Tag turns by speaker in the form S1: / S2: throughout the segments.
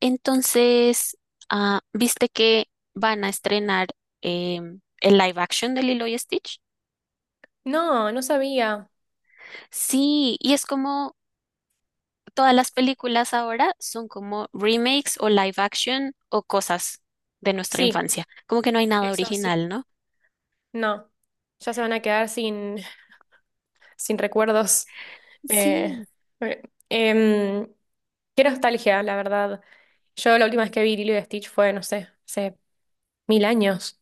S1: Entonces, ¿viste que van a estrenar el live action de Lilo y Stitch?
S2: No, no sabía.
S1: Sí, y es como todas las películas ahora son como remakes o live action o cosas de nuestra
S2: Sí,
S1: infancia. Como que no hay nada
S2: eso sí.
S1: original, ¿no?
S2: No, ya se van a quedar sin, sin recuerdos. Eh,
S1: Sí,
S2: eh, em, qué nostalgia, la verdad. Yo la última vez que vi Lilo y Stitch fue, no sé, hace mil años.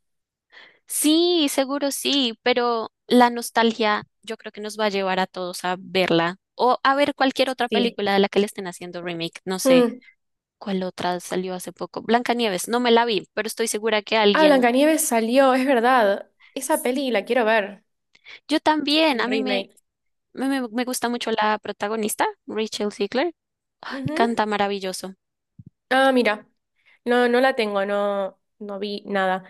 S1: sí, seguro sí, pero la nostalgia yo creo que nos va a llevar a todos a verla o a ver cualquier otra
S2: Sí.
S1: película de la que le estén haciendo remake. No sé.
S2: Mm.
S1: ¿Cuál otra salió hace poco? Blancanieves, no me la vi, pero estoy segura que
S2: Ah,
S1: alguien.
S2: Blancanieves salió, es verdad. Esa
S1: Sí.
S2: peli la quiero ver,
S1: Yo también,
S2: el
S1: a mí me,
S2: remake.
S1: me, me- me gusta mucho la protagonista, Rachel Ziegler. Ay,
S2: Ujú.
S1: canta maravilloso.
S2: Ah, mira, no, no la tengo, no, no vi nada.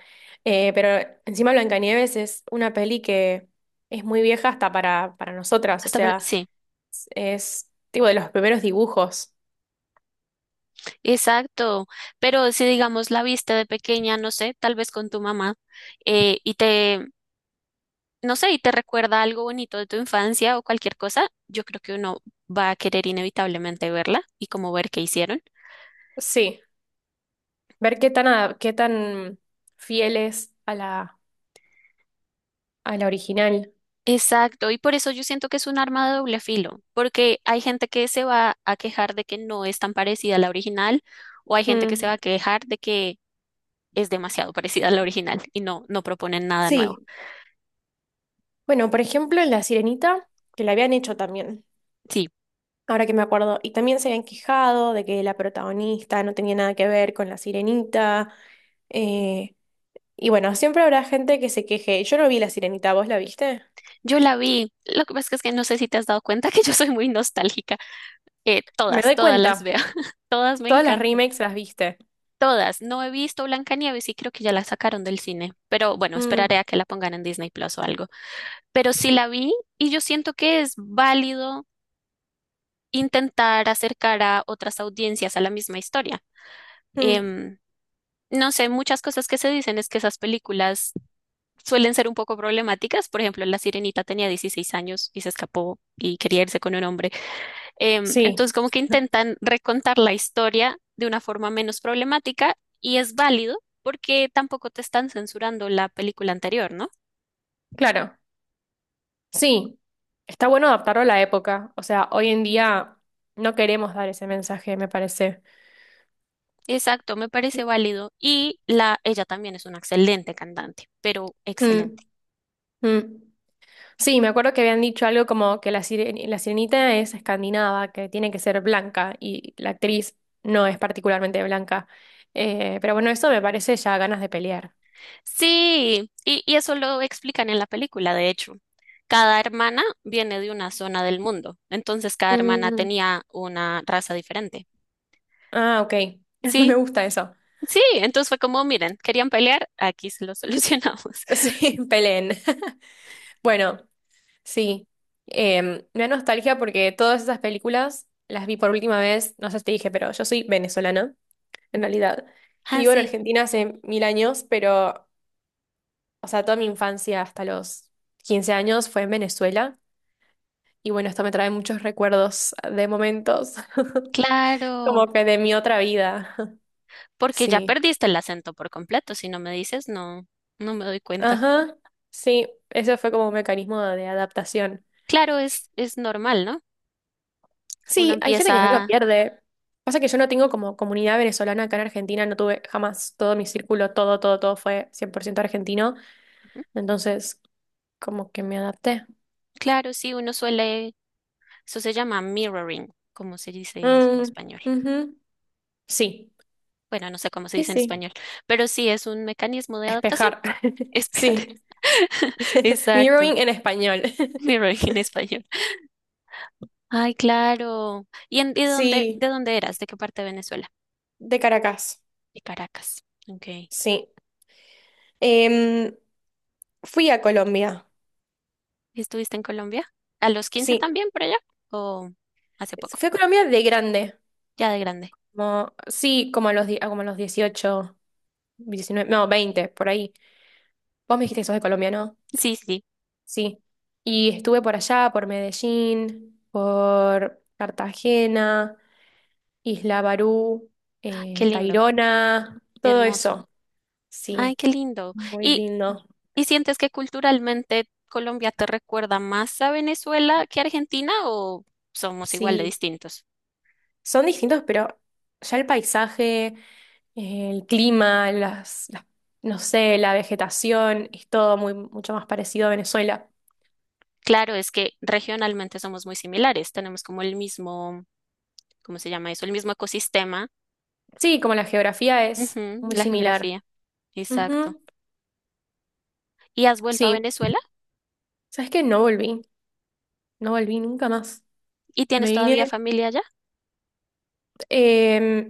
S2: Pero encima Blancanieves es una peli que es muy vieja hasta para nosotras, o
S1: Hasta, pare-
S2: sea,
S1: sí,
S2: tipo de los primeros dibujos.
S1: exacto. Pero si digamos la viste de pequeña, no sé, tal vez con tu mamá, y te, no sé, y te recuerda algo bonito de tu infancia o cualquier cosa, yo creo que uno va a querer inevitablemente verla y como ver qué hicieron.
S2: Sí, ver qué tan, qué tan fiel es a la original.
S1: Exacto, y por eso yo siento que es un arma de doble filo, porque hay gente que se va a quejar de que no es tan parecida a la original, o hay gente que se
S2: Mm.
S1: va a quejar de que es demasiado parecida a la original y no proponen nada nuevo.
S2: Sí, bueno, por ejemplo, en La Sirenita, que la habían hecho también,
S1: Sí,
S2: ahora que me acuerdo, y también se habían quejado de que la protagonista no tenía nada que ver con la Sirenita. Eh, Y bueno, siempre habrá gente que se queje. Yo no vi La Sirenita, ¿vos la viste?
S1: yo la vi. Lo que pasa es que no sé si te has dado cuenta que yo soy muy nostálgica.
S2: Me doy
S1: Todas las
S2: cuenta.
S1: veo. Todas me
S2: Todas las
S1: encantan.
S2: remakes las viste.
S1: Todas. No he visto Blancanieves y creo que ya la sacaron del cine. Pero bueno,
S2: Mm.
S1: esperaré a que la pongan en Disney Plus o algo. Pero sí la vi y yo siento que es válido intentar acercar a otras audiencias a la misma historia.
S2: Mm.
S1: Em, no sé, muchas cosas que se dicen es que esas películas suelen ser un poco problemáticas. Por ejemplo, La Sirenita tenía 16 años y se escapó y quería irse con un hombre.
S2: Sí,
S1: Entonces, como que intentan recontar la historia de una forma menos problemática y es válido porque tampoco te están censurando la película anterior, ¿no?
S2: claro. Sí. Está bueno adaptarlo a la época. O sea, hoy en día no queremos dar ese mensaje, me parece.
S1: Exacto, me parece válido. Y la, ella también es una excelente cantante, pero
S2: Mm.
S1: excelente.
S2: Mm. Sí, me acuerdo que habían dicho algo como que la la sirenita es escandinava, que tiene que ser blanca, y la actriz no es particularmente blanca. Pero bueno, eso me parece ya ganas de pelear.
S1: Sí, y eso lo explican en la película, de hecho. Cada hermana viene de una zona del mundo, entonces cada hermana
S2: Mm.
S1: tenía una raza diferente.
S2: Ah, ok. Me
S1: Sí,
S2: gusta eso.
S1: sí, entonces fue como, miren, querían pelear, aquí se lo solucionamos.
S2: Sí, peleen. Bueno, sí. Me da nostalgia porque todas esas películas las vi por última vez, no sé si te dije, pero yo soy venezolana, en realidad. Y
S1: Ah,
S2: vivo en
S1: sí,
S2: Argentina hace mil años, pero, o sea, toda mi infancia hasta los 15 años fue en Venezuela. Y bueno, esto me trae muchos recuerdos de momentos,
S1: claro,
S2: como que de mi otra vida.
S1: porque ya
S2: Sí.
S1: perdiste el acento por completo, si no me dices, no, no me doy cuenta.
S2: Ajá. Sí, eso fue como un mecanismo de adaptación.
S1: Claro, es normal, ¿no? Uno
S2: Sí, hay gente que no lo
S1: empieza,
S2: pierde. Pasa que yo no tengo como comunidad venezolana acá en Argentina, no tuve jamás todo mi círculo, todo, todo, todo fue 100% argentino,
S1: ujú,
S2: entonces como que me adapté.
S1: claro, sí, uno suele, eso se llama mirroring, como se dice eso en
S2: Mm.
S1: español.
S2: Ujú. Sí,
S1: Bueno, no sé cómo se
S2: sí,
S1: dice en
S2: sí.
S1: español, pero sí es un mecanismo de adaptación.
S2: Espejar.
S1: Espera,
S2: Sí,
S1: exacto,
S2: mirroring en español.
S1: mirroring en español. Ay, claro. ¿Y en,
S2: Sí,
S1: de dónde eras? ¿De qué parte de Venezuela?
S2: de Caracas.
S1: De Caracas. Ok. ¿Y
S2: Sí. Em, fui a Colombia.
S1: estuviste en Colombia? ¿A los 15
S2: Sí,
S1: también por allá? ¿O hace poco?
S2: fui a Colombia de grande.
S1: Ya de grande.
S2: Como, sí, como a los, die- ah, como a los 18 19 no, 20 por ahí. Vos me dijiste que sos de Colombia, ¿no?
S1: Sí, sí.
S2: Sí. Y estuve por allá, por Medellín, por Cartagena, Isla Barú,
S1: Ay, qué lindo,
S2: Tayrona, todo
S1: hermoso.
S2: eso.
S1: Ay,
S2: Sí,
S1: qué lindo.
S2: muy lindo.
S1: Y sientes que culturalmente Colombia te recuerda más a Venezuela que Argentina o somos igual de
S2: Sí,
S1: distintos?
S2: son distintos, pero ya el paisaje, el clima, no sé, la vegetación, es todo muy, mucho más parecido a Venezuela.
S1: Claro, es que regionalmente somos muy similares, tenemos como el mismo, ¿cómo se llama eso? El mismo ecosistema,
S2: Sí, como la geografía es
S1: ujú,
S2: muy
S1: la
S2: similar.
S1: geografía, exacto.
S2: Ujú.
S1: ¿Y has vuelto a
S2: Sí,
S1: Venezuela?
S2: ¿sabes qué? No volví, no volví nunca más.
S1: ¿Y
S2: Me
S1: tienes todavía
S2: vine,
S1: familia allá?
S2: eh,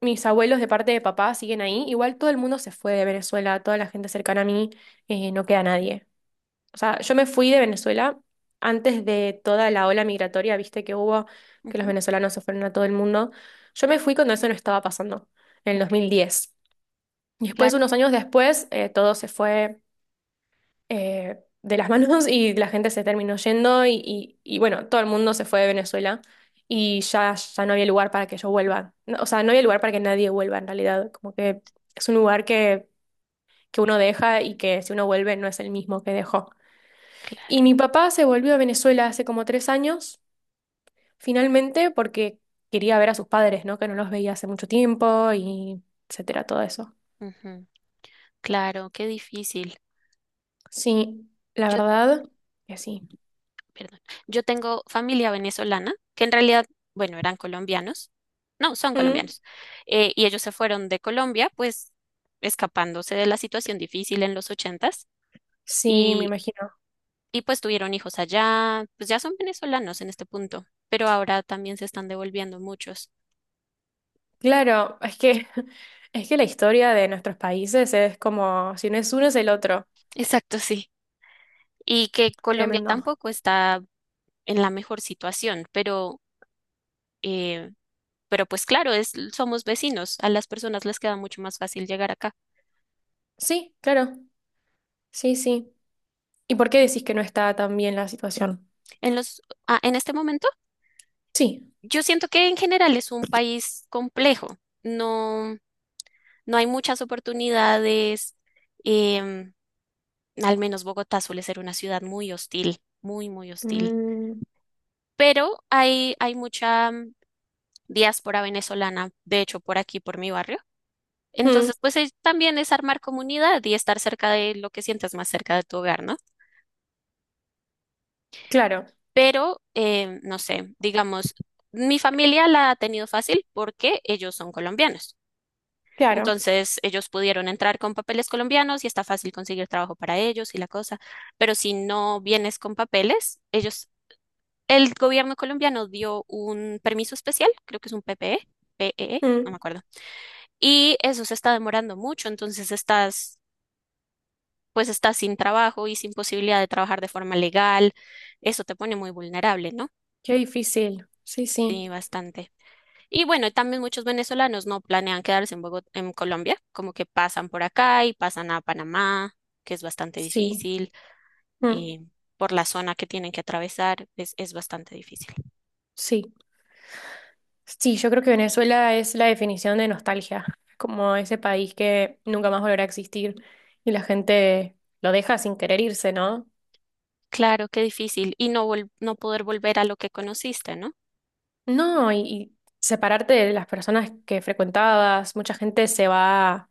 S2: mis abuelos de parte de papá siguen ahí. Igual todo el mundo se fue de Venezuela, toda la gente cercana a mí, no queda nadie. O sea, yo me fui de Venezuela antes de toda la ola migratoria, viste que hubo, que los
S1: Ujú,
S2: venezolanos se fueron a todo el mundo. Yo me fui cuando eso no estaba pasando, en el
S1: ok,
S2: 2010. Y después,
S1: claro,
S2: unos años después, todo se fue. De las manos y la gente se terminó yendo y, bueno, todo el mundo se fue de Venezuela y ya no había lugar para que yo vuelva. No, o sea, no había lugar para que nadie vuelva en realidad. Como que es un lugar que uno deja y que si uno vuelve no es el mismo que dejó. Y
S1: claro,
S2: mi papá se volvió a Venezuela hace como 3 años, finalmente, porque quería ver a sus padres, ¿no? Que no los veía hace mucho tiempo y etcétera, todo eso.
S1: ujú, claro, qué difícil.
S2: Sí, la
S1: Yo,
S2: verdad que sí.
S1: perdón, yo tengo familia venezolana, que en realidad, bueno, eran colombianos, no, son
S2: Mm.
S1: colombianos, y ellos se fueron de Colombia, pues escapándose de la situación difícil en los 80s.
S2: Sí, me imagino.
S1: Y pues tuvieron hijos allá, pues ya son venezolanos en este punto, pero ahora también se están devolviendo muchos.
S2: Claro, es que, es que la historia de nuestros países es como, si no es uno, es el otro.
S1: Exacto, sí. Y que Colombia
S2: Tremendo.
S1: tampoco está en la mejor situación, eh, pero pues claro, es, somos vecinos, a las personas les queda mucho más fácil llegar acá.
S2: Sí, claro. Sí, sí. ¿Y por qué decís que no está tan bien la situación?
S1: En los, ah, en este momento,
S2: Sí.
S1: yo siento que en general es un país complejo, no, no hay muchas oportunidades, em, al menos Bogotá suele ser una ciudad muy hostil, muy, muy hostil.
S2: Mm,
S1: Pero hay mucha diáspora venezolana, de hecho, por aquí, por mi barrio.
S2: mm,
S1: Entonces, pues es- también es armar comunidad y estar cerca de lo que sientas más cerca de tu hogar, ¿no?
S2: claro,
S1: Pero, no sé, digamos, mi familia la ha tenido fácil porque ellos son colombianos.
S2: claro.
S1: Entonces, ellos pudieron entrar con papeles colombianos y está fácil conseguir trabajo para ellos y la cosa. Pero si no vienes con papeles, ellos, el gobierno colombiano dio un permiso especial, creo que es un PPE, PEE, no me
S2: Mm,
S1: acuerdo. Y eso se está demorando mucho, entonces estás, pues estás sin trabajo y sin posibilidad de trabajar de forma legal. Eso te pone muy vulnerable, ¿no?
S2: qué difícil. Sí, sí.
S1: Sí, bastante. Y bueno, también muchos venezolanos no planean quedarse en Bogot- en Colombia, como que pasan por acá y pasan a Panamá, que es bastante
S2: Sí.
S1: difícil,
S2: Mm,
S1: y por la zona que tienen que atravesar, es bastante difícil.
S2: sí. Sí, yo creo que Venezuela es la definición de nostalgia, como ese país que nunca más volverá a existir y la gente lo deja sin querer irse, ¿no?
S1: Claro, qué difícil. Y no, vol- no poder volver a lo que conociste, ¿no?
S2: No, y separarte de las personas que frecuentabas, mucha gente se va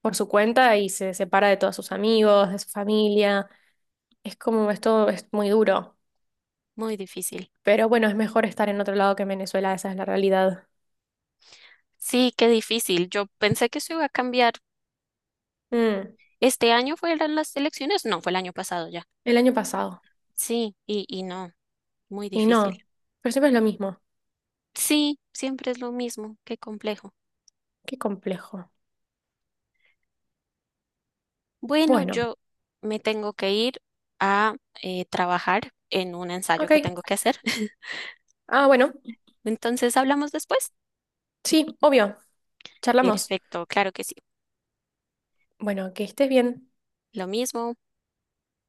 S2: por su cuenta y se separa de todos sus amigos, de su familia. Es como esto es muy duro,
S1: Muy difícil.
S2: pero bueno, es mejor estar en otro lado que en Venezuela, esa es la realidad.
S1: Sí, qué difícil. Yo pensé que eso iba a cambiar.
S2: Mm,
S1: ¿Este año fueron las elecciones? No, fue el año pasado ya.
S2: el año pasado,
S1: Sí, y no, muy
S2: y
S1: difícil.
S2: no, pero siempre es lo mismo.
S1: Sí, siempre es lo mismo, qué complejo.
S2: Qué complejo.
S1: Bueno,
S2: Bueno,
S1: yo me tengo que ir a trabajar en un ensayo
S2: ok.
S1: que tengo que hacer.
S2: Ah, bueno,
S1: Entonces, ¿hablamos después?
S2: sí, obvio, charlamos.
S1: Perfecto, claro que sí.
S2: Bueno, que estés bien.
S1: Lo mismo.